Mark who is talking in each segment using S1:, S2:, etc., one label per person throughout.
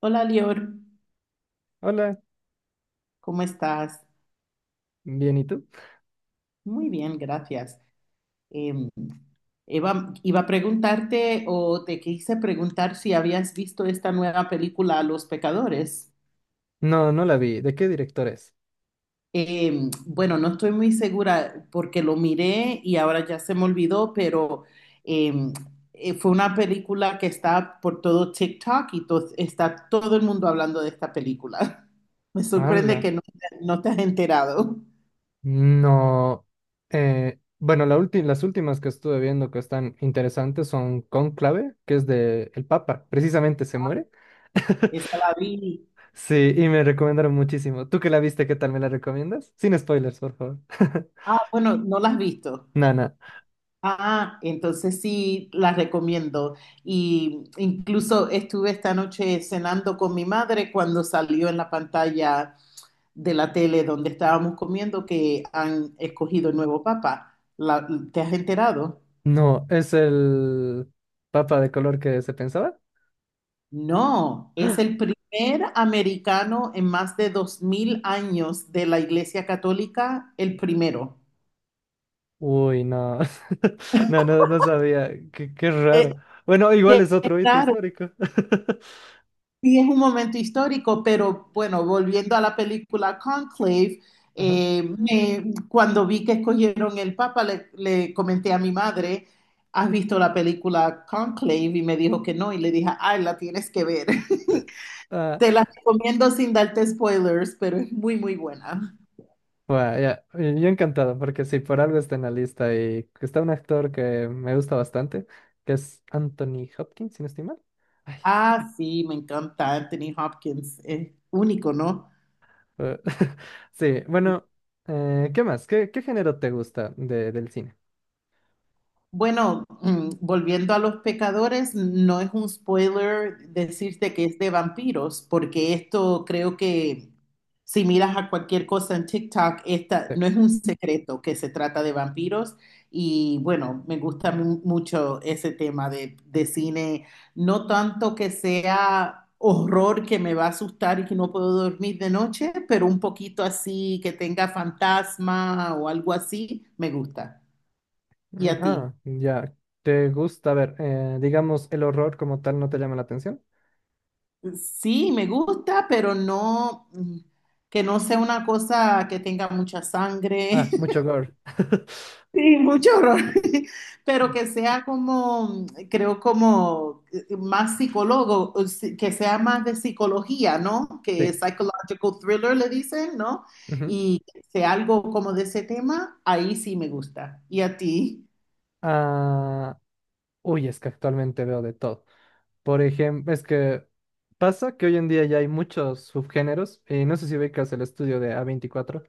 S1: Hola, Lior,
S2: Hola,
S1: ¿cómo estás?
S2: bien, ¿y tú?
S1: Muy bien, gracias. Em, Eva, iba a preguntarte o te quise preguntar si habías visto esta nueva película, Los Pecadores.
S2: No, no la vi. ¿De qué director es?
S1: Bueno, no estoy muy segura porque lo miré y ahora ya se me olvidó, pero em, fue una película que está por todo TikTok y está todo el mundo hablando de esta película. Me sorprende
S2: Hola.
S1: que no te has enterado.
S2: No. Bueno, las últimas que estuve viendo que están interesantes son Cónclave, que es de el Papa. Precisamente se muere.
S1: Esa la vi.
S2: Sí, y me recomendaron muchísimo. ¿Tú que la viste, qué tal me la recomiendas? Sin spoilers, por favor.
S1: Ah, bueno, no las has visto.
S2: Nana.
S1: Ah, entonces sí las recomiendo. Y incluso estuve esta noche cenando con mi madre cuando salió en la pantalla de la tele donde estábamos comiendo que han escogido el nuevo papa. ¿Te has enterado?
S2: No, ¿es el Papa de color que se pensaba?
S1: No, es el primer americano en más de 2000 años de la Iglesia Católica, el primero.
S2: Uy, no. No, no, no sabía. Qué, qué
S1: Eh,
S2: raro. Bueno, igual
S1: Qué
S2: es otro hito
S1: raro.
S2: histórico.
S1: Sí, es un momento histórico, pero bueno, volviendo a la película Conclave,
S2: Ajá.
S1: cuando vi que escogieron el Papa, le comenté a mi madre, ¿has visto la película Conclave? Y me dijo que no, y le dije, ay, la tienes que ver.
S2: Ah,
S1: Te la recomiendo sin darte spoilers, pero es muy, muy buena.
S2: bueno, ya, y yo encantado, porque si por algo está en la lista y está un actor que me gusta bastante, que es Anthony Hopkins, si no estoy mal. Ay,
S1: Ah, sí, me encanta Anthony Hopkins, es único, ¿no?
S2: eh, sí, bueno, ¿qué más? ¿Qué, qué género te gusta de, del cine?
S1: Bueno, volviendo a los pecadores, no es un spoiler decirte que es de vampiros, porque esto creo que si miras a cualquier cosa en TikTok, esta
S2: Te-
S1: no es un secreto que se trata de vampiros. Y bueno, me gusta mucho ese tema de cine, no tanto que sea horror que me va a asustar y que no puedo dormir de noche, pero un poquito así que tenga fantasma o algo así, me gusta. ¿Y a ti?
S2: Ah, ya, ¿te gusta? A ver, digamos, el horror como tal no te llama la atención.
S1: Sí, me gusta, pero no, que no sea una cosa que tenga mucha sangre
S2: Ah, mucho gore.
S1: y mucho horror, pero que sea como, creo como más psicólogo, o que sea más de psicología, ¿no? Que
S2: Sí.
S1: psychological thriller le dicen, ¿no?
S2: Ujú.
S1: Y que sea algo como de ese tema, ahí sí me gusta. ¿Y a ti?
S2: Ah, uy, es que actualmente veo de todo. Por ejemplo, es que pasa que hoy en día ya hay muchos subgéneros, y no sé si ubicas el estudio de A24,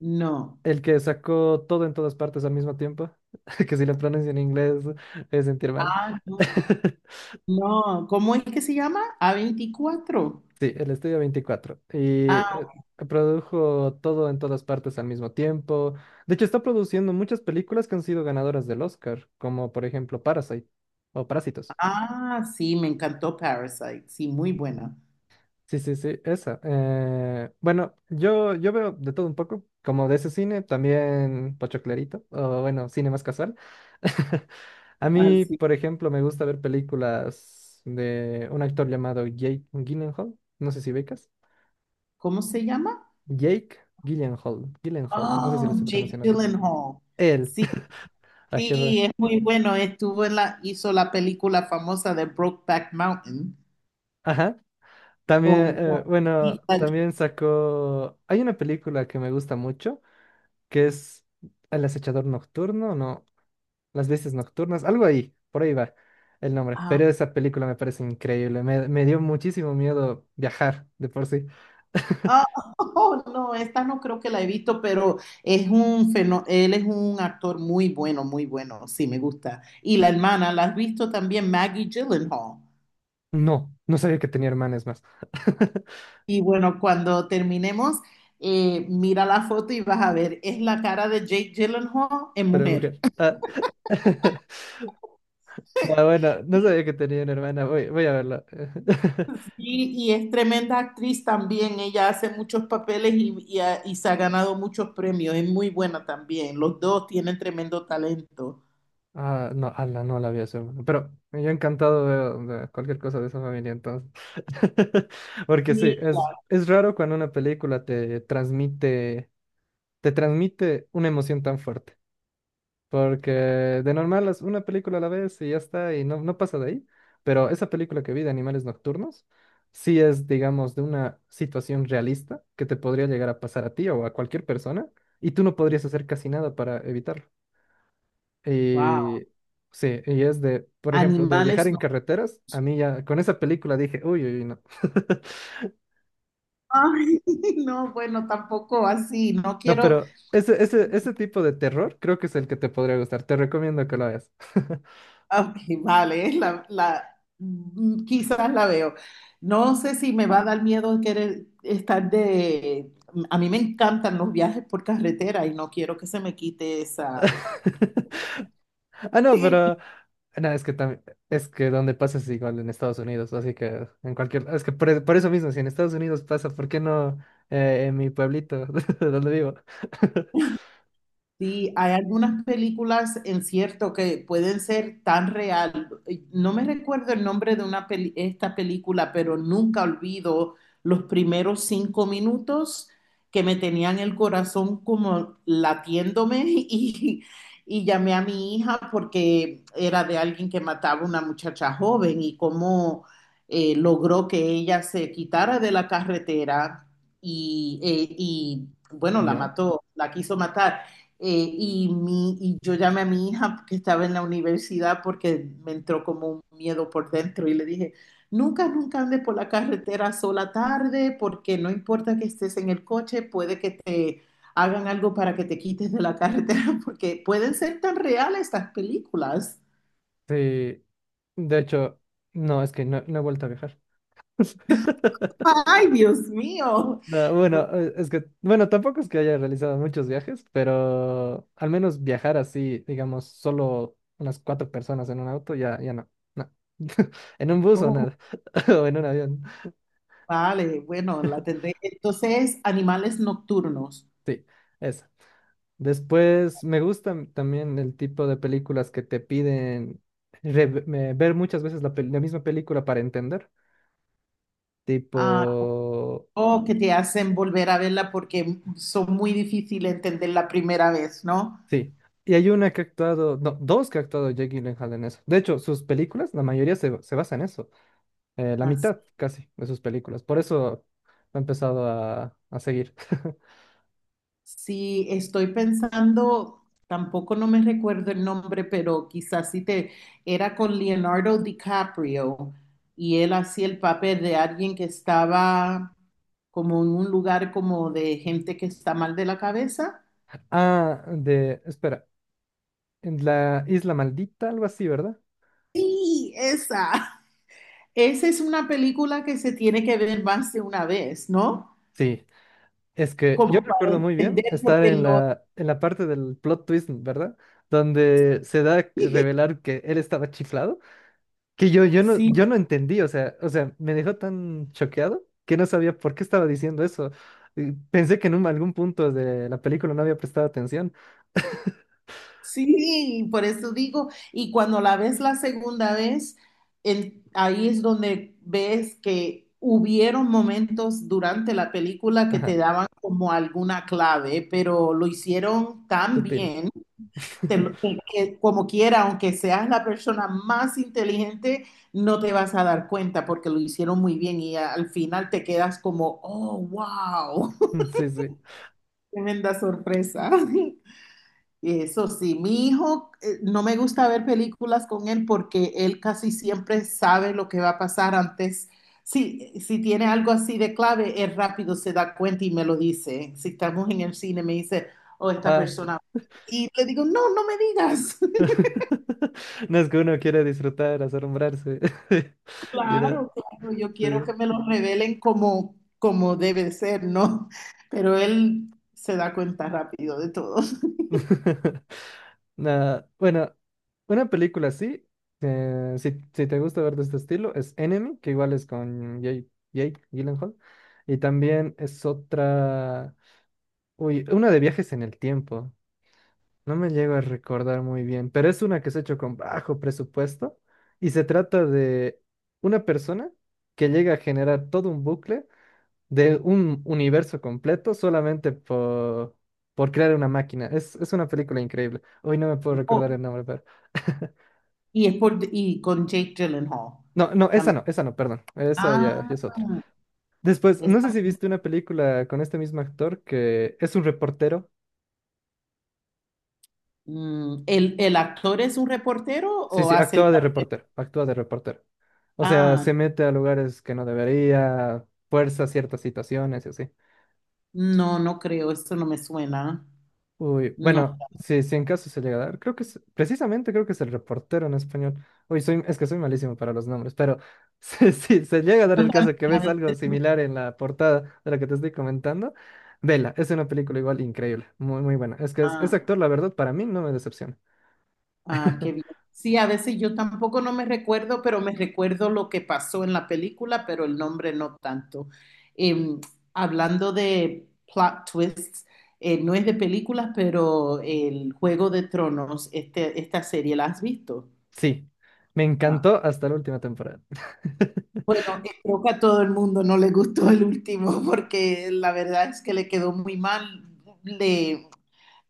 S1: No.
S2: el que sacó Todo en Todas Partes al Mismo Tiempo, que si lo pronuncio en inglés es sentir mal.
S1: Ah, no. No, ¿cómo es que se llama? A veinticuatro.
S2: Sí, el estudio veinticuatro. Y produjo Todo en Todas Partes al Mismo Tiempo. De hecho, está produciendo muchas películas que han sido ganadoras del Oscar, como por ejemplo Parasite o Parásitos.
S1: Ah, sí, me encantó Parasite. Sí, muy buena.
S2: Sí, sí, sí, esa. Bueno, yo veo de todo un poco, como de ese cine, también pochoclerito, o bueno, cine más casual. A
S1: Ah,
S2: mí,
S1: sí.
S2: por ejemplo, me gusta ver películas de un actor llamado Jake Gyllenhaal, no sé si becas.
S1: ¿Cómo se llama?
S2: Jake Gyllenhaal, Gyllenhaal, no sé si
S1: Oh,
S2: lo estoy
S1: Jake
S2: pronunciando bien.
S1: Gyllenhaal.
S2: Él.
S1: Sí,
S2: Ay, qué raro.
S1: sí, es muy bueno. Estuvo en la, hizo la película famosa de Brokeback Mountain
S2: Ajá. También,
S1: con Heath
S2: bueno,
S1: Ledger.
S2: también sacó. Hay una película que me gusta mucho, que es El Acechador Nocturno, ¿no? Las Bestias Nocturnas, algo ahí, por ahí va el nombre.
S1: Ah,
S2: Pero esa película me parece increíble. Me dio muchísimo miedo viajar de por sí.
S1: ah, oh, no, esta no creo que la he visto, pero es un él es un actor muy bueno, muy bueno. Sí, me gusta. Y la hermana, ¿la has visto también? Maggie Gyllenhaal.
S2: No, no sabía que tenía hermanas más.
S1: Y bueno, cuando terminemos, mira la foto y vas a ver, es la cara de Jake Gyllenhaal en
S2: Pero
S1: mujer.
S2: mujer. Ah. No, bueno, no sabía que tenía una hermana. Voy a verla.
S1: Y es tremenda actriz también, ella hace muchos papeles y y se ha ganado muchos premios, es muy buena también, los dos tienen tremendo talento.
S2: Ah, no, ala, no la había a. Pero yo encantado, veo de cualquier cosa de esa familia entonces. Porque sí,
S1: Y,
S2: es raro cuando una película te transmite una emoción tan fuerte. Porque de normal es una película a la vez y ya está, y no, no pasa de ahí. Pero esa película que vi, de Animales Nocturnos, sí es, digamos, de una situación realista que te podría llegar a pasar a ti o a cualquier persona, y tú no podrías hacer casi nada para evitarlo.
S1: wow,
S2: Y sí, y es de, por ejemplo, de viajar
S1: animales
S2: en
S1: no.
S2: carreteras. A mí ya con esa película dije, uy, uy, uy, no.
S1: Ay, no, bueno, tampoco así, no
S2: No,
S1: quiero.
S2: pero ese tipo de terror creo que es el que te podría gustar. Te recomiendo que lo veas.
S1: Ah, Ok, vale, es la, quizás la veo. No sé si me va a dar miedo querer estar de... A mí me encantan los viajes por carretera y no quiero que se me quite esa.
S2: Ah, no, pero... No, es que también... Es que donde pasa es igual en Estados Unidos, así que en cualquier... Es que por eso mismo, si en Estados Unidos pasa, ¿por qué no en mi pueblito, donde vivo?
S1: Sí, hay algunas películas en cierto que pueden ser tan real. No me recuerdo el nombre de una esta película, pero nunca olvido los primeros 5 minutos que me tenían el corazón como latiéndome y llamé a mi hija porque era de alguien que mataba a una muchacha joven y cómo logró que ella se quitara de la carretera y bueno, la
S2: ¿Ya?
S1: mató, la quiso matar. Y yo llamé a mi hija que estaba en la universidad porque me entró como un miedo por dentro y le dije, nunca, nunca andes por la carretera sola tarde porque no importa que estés en el coche, puede que te hagan algo para que te quites de la carretera porque pueden ser tan reales estas películas.
S2: Sí. De hecho, no, es que no, no he vuelto a viajar.
S1: Ay, Dios mío.
S2: No, bueno,
S1: Bueno,
S2: es que, bueno, tampoco es que haya realizado muchos viajes, pero al menos viajar así, digamos, solo unas cuatro personas en un auto, ya, ya no, no. En un bus o
S1: oh,
S2: nada, o en un avión.
S1: vale, bueno, la tendré. Entonces, animales nocturnos.
S2: Sí, esa. Después me gusta también el tipo de películas que te piden ver muchas veces la misma película para entender. Tipo,
S1: Ah, o que te hacen volver a verla porque son muy difíciles de entender la primera vez, ¿no?
S2: sí. Y hay una que ha actuado, no, dos que ha actuado Jake Gyllenhaal en eso. De hecho, sus películas, la mayoría se basa en eso. Eh, la
S1: Así,
S2: mitad casi de sus películas. Por eso me he empezado a seguir.
S1: sí, estoy pensando, tampoco no me recuerdo el nombre, pero quizás sí te, era con Leonardo DiCaprio y él hacía el papel de alguien que estaba como en un lugar como de gente que está mal de la cabeza.
S2: Ah, de, espera, en La Isla Maldita, algo así, ¿verdad?
S1: Sí, esa. Esa es una película que se tiene que ver más de una vez, ¿no?
S2: Sí, es que yo
S1: Como para
S2: recuerdo muy bien
S1: entender,
S2: estar
S1: porque
S2: en
S1: lo,
S2: en la parte del plot twist, ¿verdad? Donde se da a revelar que él estaba chiflado, que
S1: sí,
S2: yo no entendí, o sea, me dejó tan choqueado que no sabía por qué estaba diciendo eso. Y pensé que en algún punto de la película no había prestado atención.
S1: sí, por eso digo, y cuando la ves la segunda vez, ahí es donde ves que hubieron momentos durante la película que te
S2: Ajá,
S1: daban como alguna clave, pero lo hicieron tan
S2: sutil.
S1: bien, que como quiera, aunque seas la persona más inteligente, no te vas a dar cuenta porque lo hicieron muy bien y al final te quedas como, oh, wow,
S2: Sí, sí.
S1: tremenda sorpresa. Eso sí, mi hijo, no me gusta ver películas con él porque él casi siempre sabe lo que va a pasar antes. Sí, si tiene algo así de clave, él rápido se da cuenta y me lo dice. Si estamos en el cine, me dice, oh, esta
S2: Ah.
S1: persona. Y le digo, no, no me digas.
S2: No, es que uno quiere disfrutar, asombrarse. Mira,
S1: Claro, claro, yo quiero
S2: sí.
S1: que me lo revelen como, como debe de ser, ¿no? Pero él se da cuenta rápido de todo.
S2: Nah, bueno, una película así, si, si te gusta ver de este estilo, es Enemy, que igual es con Jake Gyllenhaal. Y también es otra, uy, una de viajes en el tiempo. No me llego a recordar muy bien, pero es una que se ha hecho con bajo presupuesto y se trata de una persona que llega a generar todo un bucle de un universo completo solamente por crear una máquina. Es una película increíble. Hoy no me puedo
S1: Oh,
S2: recordar el nombre, pero...
S1: y es por, y con Jake Gyllenhaal
S2: No, no, esa
S1: también.
S2: no, esa no, perdón. Esa ya,
S1: Ah.
S2: ya es otra. Después, no sé
S1: Esa-
S2: si viste una película con este mismo actor que es un reportero.
S1: ¿El, el actor es un reportero
S2: Sí,
S1: o
S2: sí,
S1: hace el
S2: actúa de
S1: papel?
S2: reportero, actúa de reportero. O sea,
S1: Ah,
S2: se mete a lugares que no debería, fuerza ciertas situaciones y así.
S1: no, no creo, eso no me suena.
S2: Uy,
S1: No,
S2: bueno, sí, sí, en caso se llega a dar. Creo que es, precisamente creo que es El Reportero en español. Uy, soy, es que soy malísimo para los nombres, pero sí, sí, se llega a
S1: yo
S2: dar el
S1: también
S2: caso que
S1: a
S2: ves algo
S1: veces
S2: similar en la portada de la que te estoy comentando. Vela, es una película igual increíble, muy, muy buena. Es que ese
S1: ah,
S2: actor, la verdad, para mí no me decepciona.
S1: ah, qué bien. Sí, a veces yo tampoco no me recuerdo, pero me recuerdo lo que pasó en la película, pero el nombre no tanto. Eh, Hablando de plot twists, no es de películas, pero el Juego de Tronos, este, esta serie, ¿la has visto?
S2: Sí, me encantó hasta la última temporada.
S1: Bueno, creo que a todo el mundo no le gustó el último porque la verdad es que le quedó muy mal. Le,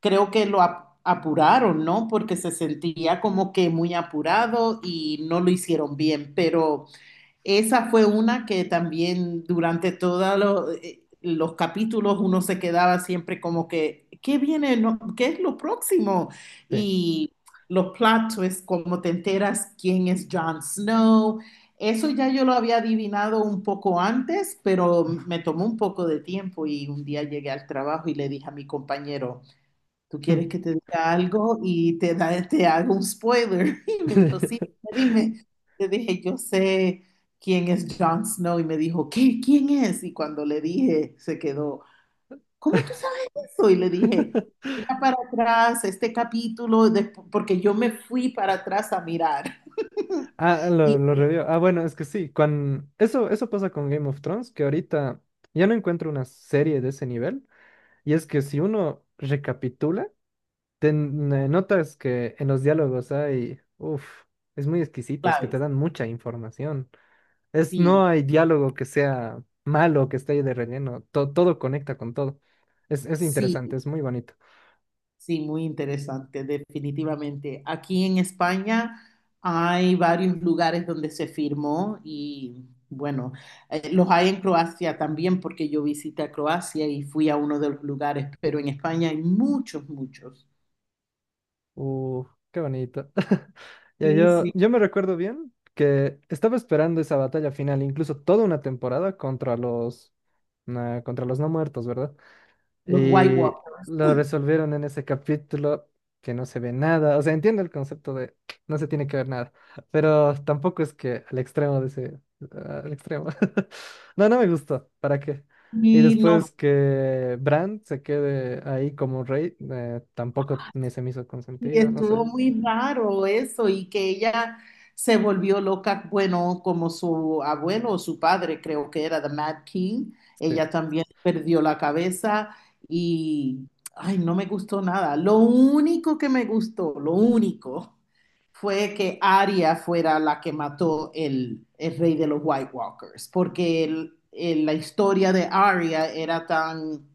S1: Creo que lo apuraron, ¿no? Porque se sentía como que muy apurado y no lo hicieron bien, pero esa fue una que también durante todos los capítulos uno se quedaba siempre como que, ¿qué viene? No, ¿qué es lo próximo?
S2: Sí.
S1: Y los plot twists, como te enteras quién es Jon Snow. Eso ya yo lo había adivinado un poco antes, pero me tomó un poco de tiempo y un día llegué al trabajo y le dije a mi compañero, tú quieres que te diga algo y te, da, te hago un spoiler. Y me dijo, sí, dime. Le dije, yo sé quién es Jon Snow. Y me dijo, ¿qué? ¿Quién es? Y cuando le dije, se quedó, ¿cómo tú sabes eso? Y le dije, mira para atrás este capítulo, porque yo me fui para atrás a mirar.
S2: Ah,
S1: Y
S2: lo revió. Ah, bueno, es que sí, con... eso pasa con Game of Thrones, que ahorita ya no encuentro una serie de ese nivel. Y es que si uno recapitula, notas que en los diálogos hay, uff, es muy exquisito, es que te
S1: claro,
S2: dan mucha información. Es,
S1: sí,
S2: no hay diálogo que sea malo, que esté ahí de relleno, todo conecta con todo. Es
S1: sí.
S2: interesante, es muy bonito.
S1: Sí, muy interesante, definitivamente. Aquí en España hay varios lugares donde se firmó y bueno, los hay en Croacia también porque yo visité a Croacia y fui a uno de los lugares, pero en España hay muchos, muchos.
S2: Uf, qué bonito. Ya
S1: Sí, sí.
S2: yo me recuerdo bien que estaba esperando esa batalla final, incluso toda una temporada contra los, nah, contra los no muertos, ¿verdad?
S1: Los White
S2: Y
S1: Walkers.
S2: lo resolvieron en ese capítulo que no se ve nada. O sea, entiendo el concepto de no se tiene que ver nada, pero tampoco es que al extremo de ese, al extremo. No, no me gustó. ¿Para qué? Y
S1: Y no.
S2: después que Bran se quede ahí como rey, tampoco ni se me hizo
S1: Y
S2: consentido, no
S1: estuvo
S2: sé.
S1: muy raro eso y que ella se volvió loca, bueno, como su abuelo o su padre, creo que era The Mad King,
S2: Sí,
S1: ella también perdió la cabeza y, ay, no me gustó nada. Lo único que me gustó, lo único, fue que Arya fuera la que mató el rey de los White Walkers, porque la historia de Arya era tan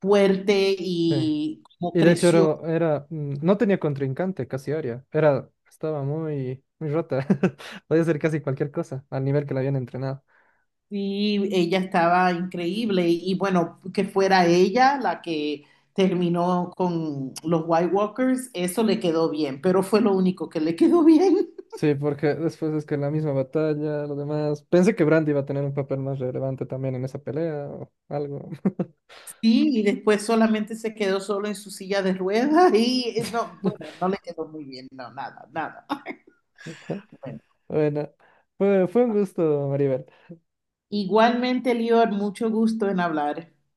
S1: fuerte
S2: sí.
S1: y como
S2: Y de hecho
S1: creció.
S2: era, era, mm, no tenía contrincante, casi Arya. Era, estaba muy, muy rota. Podía hacer casi cualquier cosa, al nivel que la habían entrenado.
S1: Sí, ella estaba increíble y bueno, que fuera ella la que terminó con los White Walkers, eso le quedó bien, pero fue lo único que le quedó bien.
S2: Sí, porque después es que la misma batalla, lo demás. Pensé que Brandy iba a tener un papel más relevante también en esa pelea o algo.
S1: Sí, y después solamente se quedó solo en su silla de ruedas y no, bueno, no le quedó muy bien, no, nada, nada. Bueno,
S2: Bueno, fue, fue un gusto, Maribel.
S1: igualmente, Lior, mucho gusto en hablar.